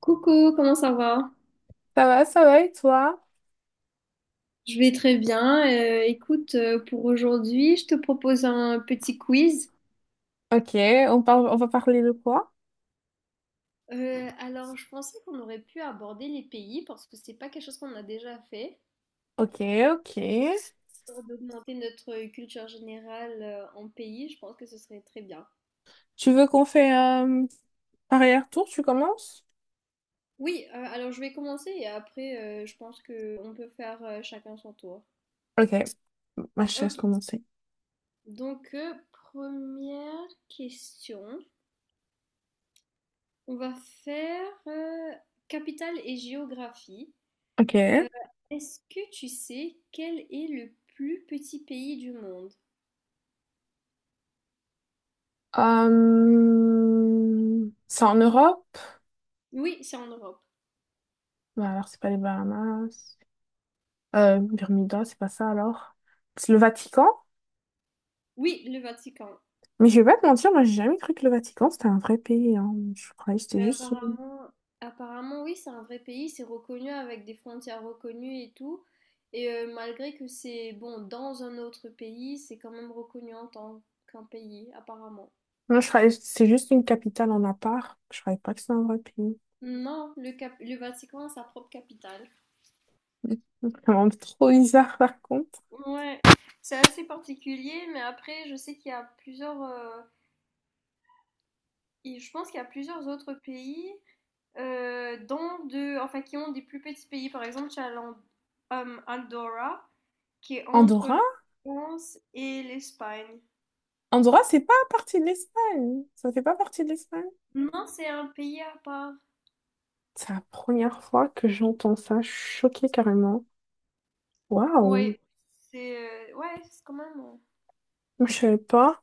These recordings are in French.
Coucou, comment ça va? Ça va et toi? Je vais très bien. Écoute, pour aujourd'hui, je te propose un petit quiz. Ok, on parle, on va parler de quoi? Alors, je pensais qu'on aurait pu aborder les pays parce que c'est pas quelque chose qu'on a déjà fait. Ok, ok. Pour d'augmenter notre culture générale, en pays, je pense que ce serait très bien. Tu veux qu'on fait un arrière-tour? Tu commences? Oui, alors je vais commencer et après, je pense que on peut faire chacun son tour. Ok, ma chaise Ok. commencer. Donc, première question. On va faire, capitale et géographie. Ok. Est-ce que tu sais quel est le plus petit pays du monde? C'est en Europe? Oui, c'est en Europe. Bah alors, c'est pas les Bahamas. Bermuda, c'est pas ça alors. C'est le Vatican? Oui, le Vatican. Mais je vais pas te mentir, moi j'ai jamais cru que le Vatican c'était un vrai pays, hein. Je croyais que c'était Mais juste une… apparemment, oui, c'est un vrai pays, c'est reconnu avec des frontières reconnues et tout. Et malgré que c'est bon dans un autre pays, c'est quand même reconnu en tant qu'un pays, apparemment. Moi, je croyais que c'était juste une capitale en à part. Je croyais pas que c'était un vrai pays. Non, le Vatican a sa propre capitale. C'est vraiment trop bizarre par contre. Ouais, c'est assez particulier, mais après, je sais qu'il y a plusieurs, et je pense qu'il y a plusieurs autres pays, dans de, enfin, qui ont des plus petits pays. Par exemple, tu as Andorra, qui est entre Andorra? la France et l'Espagne. Andorra, c'est pas partie de l'Espagne. Ça fait pas partie de l'Espagne. Non, c'est un pays à part. C'est la première fois que j'entends ça. Je suis choquée carrément. Waouh! Oui, c'est ouais, c'est quand même. Je savais pas.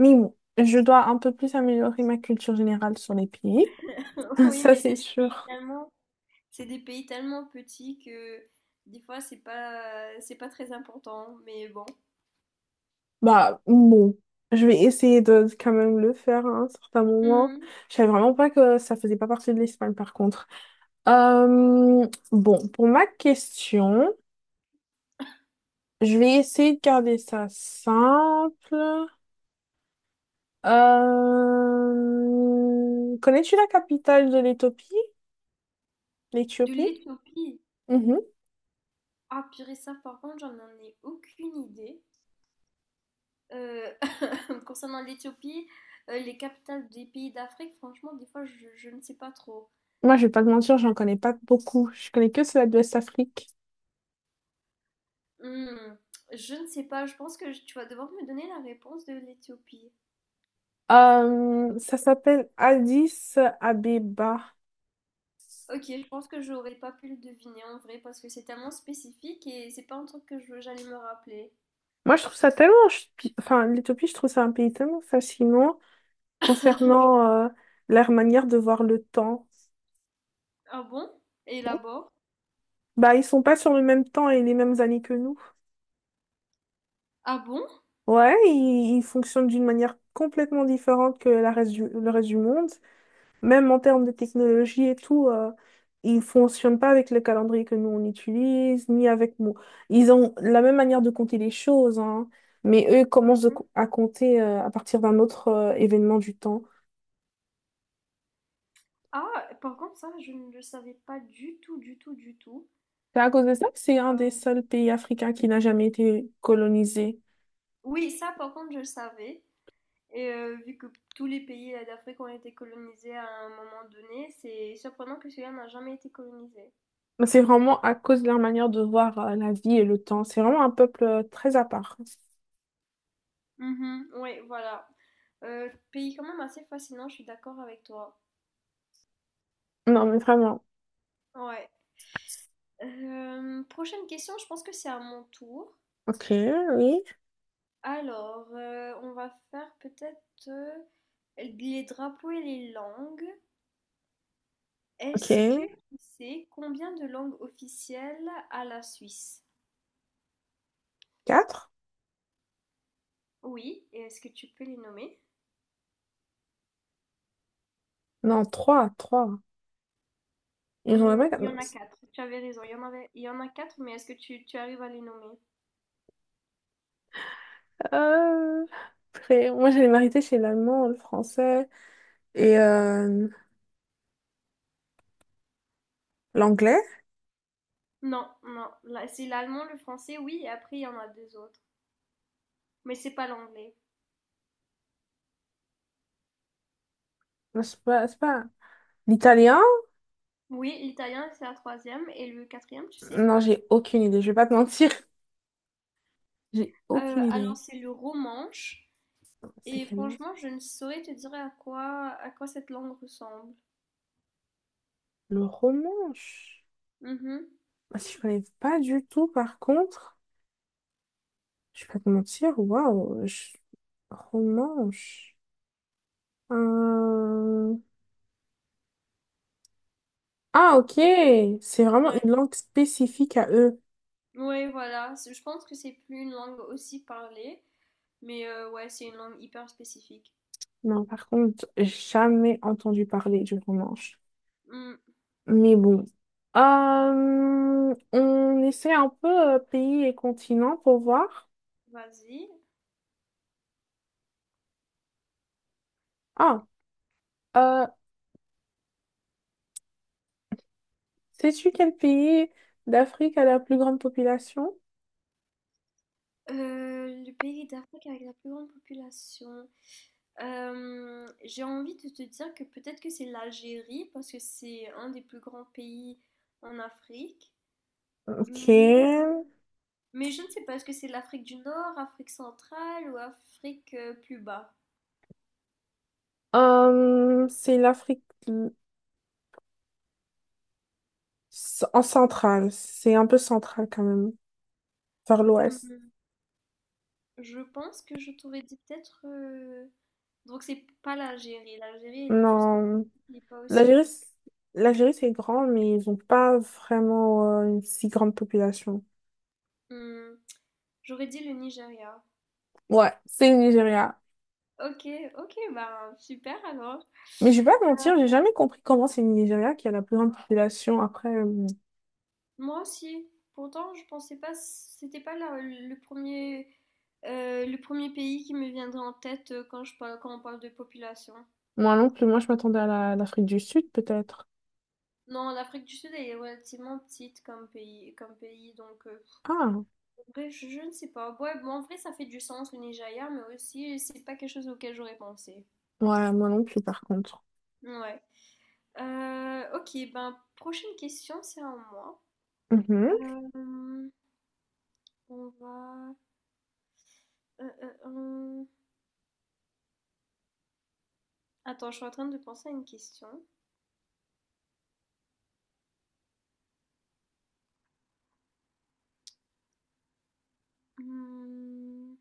Mais bon, je dois un peu plus améliorer ma culture générale sur les pays. euh, Oui, Ça, mais c'est c'est des pays sûr. tellement, c'est des pays tellement petits que des fois c'est pas très important. Mais bon. Bah, bon. Je vais essayer de quand même le faire à un certain moment. Hum, Je savais vraiment pas que ça faisait pas partie de l'Espagne par contre. Euh, bon, pour ma question. Je vais essayer de garder ça simple. Connais-tu la capitale de l'Éthiopie? De L'Éthiopie? l'Éthiopie. Mhm. Ah purée, ça par contre, j'en en ai aucune idée. Euh, concernant l'Éthiopie, les capitales des pays d'Afrique, franchement, des fois, je ne sais pas trop. Moi, je vais pas te mentir, j'en connais pas beaucoup. Je connais que celle de l'Ouest-Afrique. Hmm, je ne sais pas, je pense que tu vas devoir me donner la réponse de l'Éthiopie. Ça s'appelle Addis Abeba. Ok, je pense que j'aurais pas pu le deviner en vrai parce que c'est tellement spécifique et c'est pas un truc que j'allais me rappeler. Moi, je trouve ça tellement… Enfin, l'Éthiopie, je trouve ça un pays tellement fascinant concernant leur manière de voir le temps. Ah bon? Et là-bas? Bah, ils sont pas sur le même temps et les mêmes années que nous. Ah bon? Ouais, ils il fonctionne d'une manière complètement différente que le reste du monde. Même en termes de technologie et tout, ils ne fonctionnent pas avec le calendrier que nous on utilise, ni avec nous. Ils ont la même manière de compter les choses, hein, mais eux commencent Mhm. à compter à partir d'un autre événement du temps. Ah, par contre, ça, je ne le savais pas du tout, du tout, du tout. C'est à cause de ça que c'est un des Euh, seuls pays africains qui n'a jamais été colonisé. Oui, ça, par contre, je le savais. Et vu que tous les pays, d'Afrique ont été colonisés à un moment donné, c'est surprenant que celui-là n'a jamais été colonisé. Mais c'est vraiment à cause de leur manière de voir la vie et le temps. C'est vraiment un peuple très à part. Mhm. Oui, voilà. Pays quand même assez fascinant, je suis d'accord avec toi. Non, mais vraiment. Ouais. Prochaine question, je pense que c'est à mon tour. Ok, oui. Alors, on va faire peut-être, les drapeaux et les langues. Ok. Est-ce que tu sais combien de langues officielles a la Suisse? Quatre? Oui, et est-ce que tu peux les nommer? Non, trois, trois. Ils ont Hmm, là-bas. il y en a quatre. Tu avais raison. Il y en avait, il y en a quatre, mais est-ce que tu arrives à les nommer? Euh… Après, moi, j'allais m'arrêter chez l'allemand, le français et l'anglais. Non, non. Là, c'est l'allemand, le français, oui, et après il y en a deux autres. Mais c'est pas l'anglais. Non, je sais pas, c'est pas. L'italien? Oui, l'italien, c'est la troisième, et le quatrième, tu sais? Non, j'ai aucune idée. Je vais pas te mentir. J'ai Euh, aucune alors idée. c'est le romanche, C'est et quelle langue? franchement, je ne saurais te dire à quoi cette langue ressemble. Le romanche. Mhm. Je… Ah, si je connais pas du tout, par contre. Je vais pas te mentir. Waouh. Romanche. Euh, Ah, ok. C'est vraiment Ouais. une langue spécifique à eux. Ouais, voilà. Je pense que c'est plus une langue aussi parlée, mais ouais, c'est une langue hyper spécifique. Non, par contre, jamais entendu parler du romanche. Hmm, Mais bon. On essaie un peu pays et continent pour voir. Vas-y. Ah, euh, sais-tu quel pays d'Afrique a la plus grande population? Le pays d'Afrique avec la plus grande population. J'ai envie de te dire que peut-être que c'est l'Algérie parce que c'est un des plus grands pays en Afrique. Mais, euh, Ok. mais je ne sais pas, est-ce que c'est l'Afrique du Nord, Afrique centrale ou Afrique, plus bas? Euh, c'est l'Afrique l- en centrale. C'est un peu central quand même, vers l'ouest. Hum, Je pense que je t'aurais dit peut-être. Donc c'est pas l'Algérie. L'Algérie, elle est juste grande. Non. Elle n'est pas aussi... L'Algérie, pop- c- l'Algérie, c'est grand, mais ils n'ont pas vraiment une si grande population. Hum, J'aurais dit le Nigeria. Ouais, c'est le Nigeria. Ok, ok, bah super alors. Mais je vais pas te mentir, j'ai jamais compris comment c'est le Nigeria qui a la plus grande population. Après, Moi aussi. Pourtant, je pensais pas, c'était pas le premier pays qui me viendrait en tête, quand on parle de population. moi non plus, moi je m'attendais à l'Afrique du Sud peut-être. Non, l'Afrique du Sud est relativement petite comme pays, donc, Ah, en vrai, je ne sais pas. Ouais, bon, en vrai, ça fait du sens le Nigeria, mais aussi c'est pas quelque chose auquel j'aurais pensé. ouais, moi non plus par contre. Ouais. Ok, ben prochaine question, c'est à moi. Mhm, Euh, on va. Euh, euh, euh, Attends, je suis en train de penser à une question. Mmh.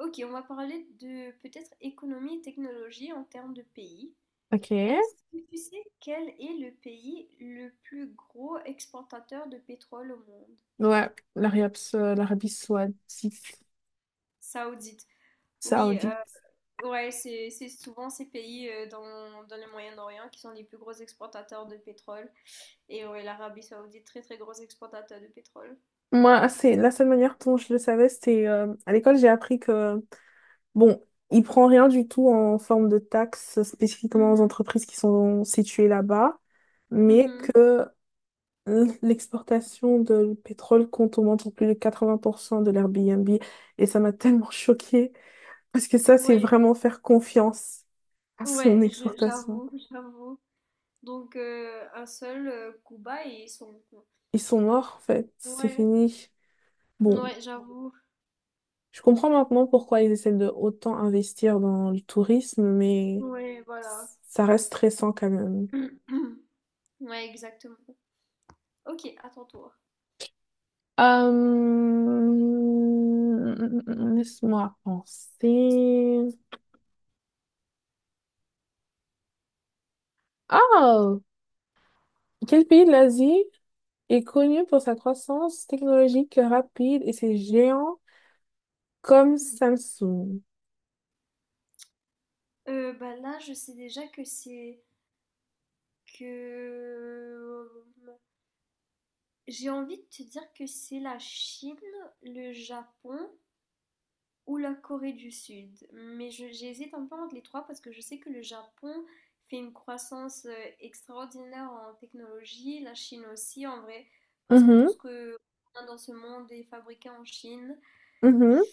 Ok, on va parler de peut-être économie et technologie en termes de pays. ok. Est-ce que tu sais quel est le pays le plus gros exportateur de pétrole au monde? Ouais, l'Arabie Saoudite. Saoudite. Oui, Saoudite. Ouais, c'est souvent ces pays, dans le Moyen-Orient qui sont les plus gros exportateurs de pétrole. Et ouais, l'Arabie Saoudite, très très gros exportateur de pétrole. Moi, c'est la seule manière dont je le savais, c'était à l'école, j'ai appris que bon, il prend rien du tout en forme de taxes spécifiquement aux Mhm, entreprises qui sont situées là-bas, mais mhm. que l'exportation de pétrole compte au moins pour plus de 80% de l'Airbnb. Et ça m'a tellement choquée, parce que ça, c'est Ouais, vraiment faire confiance à son ouais, exportation. j'avoue, j'avoue. Donc, un seul, Cuba et ils sont. Ils sont morts, en fait, c'est Ouais. fini. Bon, Ouais, j'avoue. je comprends maintenant pourquoi ils essaient de autant investir dans le tourisme, mais Ouais, voilà. ça reste stressant quand même. Ouais, exactement. Ok, à ton tour. Euh, Laisse-moi penser. Ah, quel pays de l'Asie est connu pour sa croissance technologique rapide et ses géants comme Samsung? Bah là, je sais déjà que c'est que j'ai envie de te dire que c'est la Chine, le Japon ou la Corée du Sud. Mais j'hésite un peu entre les trois parce que je sais que le Japon fait une croissance, extraordinaire en technologie, la Chine aussi, en vrai, presque tout Mhm, ce que on a dans ce monde est fabriqué en Chine. mhm,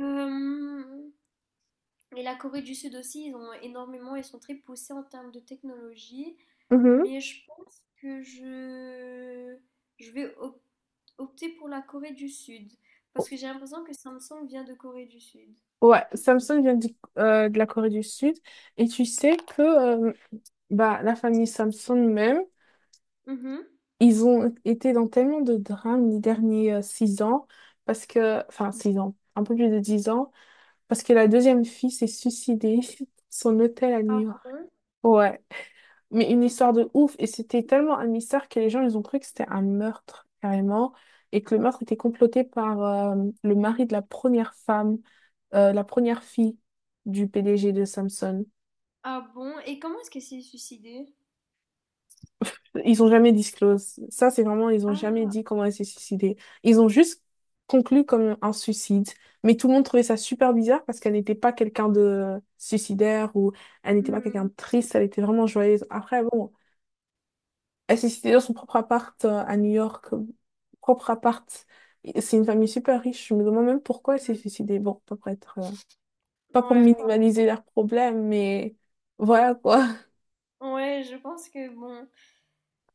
Euh, Et la Corée du Sud aussi, ils ont énormément, ils sont très poussés en termes de technologie. mhm. Mais je pense que je vais opter pour la Corée du Sud. Parce que j'ai l'impression que Samsung vient de Corée du Sud. Ouais, Samsung vient de la Corée du Sud et tu sais que euh, bah, la famille Samsung même, Mhm. ils ont été dans tellement de drames les derniers 6 ans parce que, enfin 6 ans, un peu plus de 10 ans. Parce que la deuxième fille s'est suicidée dans son hôtel à New Ah York. bon? Ouais, mais une histoire de ouf. Et c'était tellement un mystère que les gens, ils ont cru que c'était un meurtre, carrément. Et que le meurtre était comploté par le mari de la première femme, la première fille du PDG de Samsung. Ah bon? Et comment est-ce qu'elle s'est suicidée? Ils ont jamais disclose. Ça, c'est vraiment, ils ont jamais Ah. dit comment elle s'est suicidée. Ils ont juste conclu comme un suicide. Mais tout le monde trouvait ça super bizarre parce qu'elle n'était pas quelqu'un de suicidaire ou elle n'était pas quelqu'un Hmm, de triste, elle était vraiment joyeuse. Après, bon, elle s'est suicidée dans son propre appart à New York, propre appart. Et c'est une famille super riche. Je me demande même pourquoi elle s'est hmm. suicidée. Bon, pas pour être, pas pour Ouais, minimaliser leurs problèmes, mais voilà quoi. ouais, je pense que bon.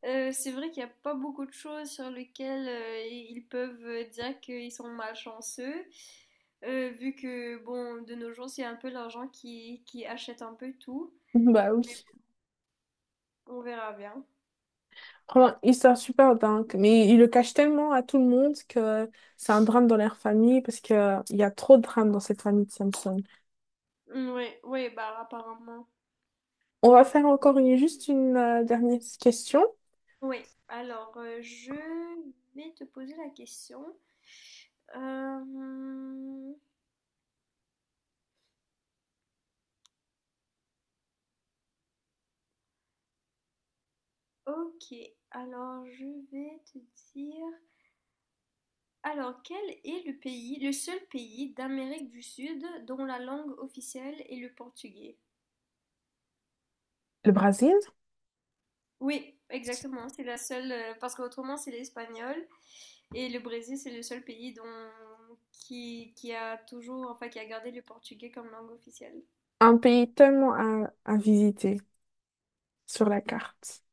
C'est vrai qu'il n'y a pas beaucoup de choses sur lesquelles, ils peuvent, dire qu'ils sont malchanceux, vu que, bon, de nos jours, c'est un peu l'argent qui achète un peu tout. Bah oui. On verra bien. Franchement, histoire super dingue, mais il le cache tellement à tout le monde que c'est un drame dans leur famille parce que il y a trop de drames dans cette famille de Samson. Oui, oui, bah apparemment. On va faire encore une, juste une dernière question. Oui, alors, je vais te poser la question. Euh, ok, alors je vais te dire... Alors, quel est le pays, le seul pays d'Amérique du Sud dont la langue officielle est le portugais? Le Brésil, Oui, exactement, c'est la seule, parce qu'autrement c'est l'espagnol, et le Brésil c'est le seul pays dont, qui a toujours, enfin qui a gardé le portugais comme langue officielle. un pays tellement à visiter sur la carte.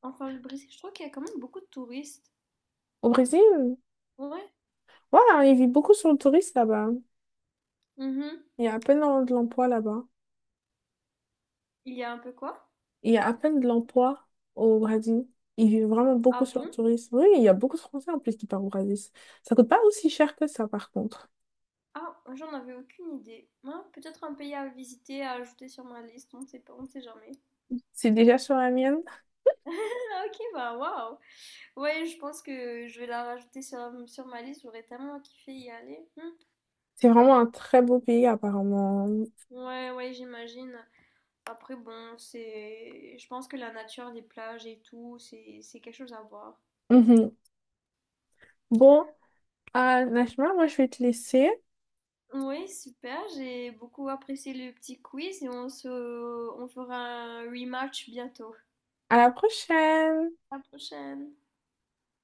Enfin, le Brésil, je trouve qu'il y a quand même beaucoup de touristes. Au Brésil, Ouais. voilà, il vit beaucoup sur le tourisme là-bas. Mhm. Il y a à peine de l'emploi là-bas. Il y a un peu quoi? Il y a à peine de l'emploi au Brésil. Ils vivent vraiment beaucoup Ah sur le bon? tourisme. Oui, il y a beaucoup de Français en plus qui partent au Brésil. Ça coûte pas aussi cher que ça, par contre. Ah, j'en avais aucune idée. Ah, peut-être un pays à visiter, à ajouter sur ma liste, on ne sait pas, on ne sait jamais. C'est déjà sur la mienne. Ah, ok, bah waouh! Ouais, je pense que je vais la rajouter sur ma liste, j'aurais tellement kiffé y aller. Hmm. C'est vraiment un très beau pays, apparemment. Ouais, ouais, j'imagine. Après, bon, c'est. Je pense que la nature, les plages et tout, c'est quelque chose à voir. Mhm. Bon, Najma, moi, je vais te laisser. Ouais, super, j'ai beaucoup apprécié le petit quiz et on fera un rematch bientôt. À la prochaine! À la prochaine!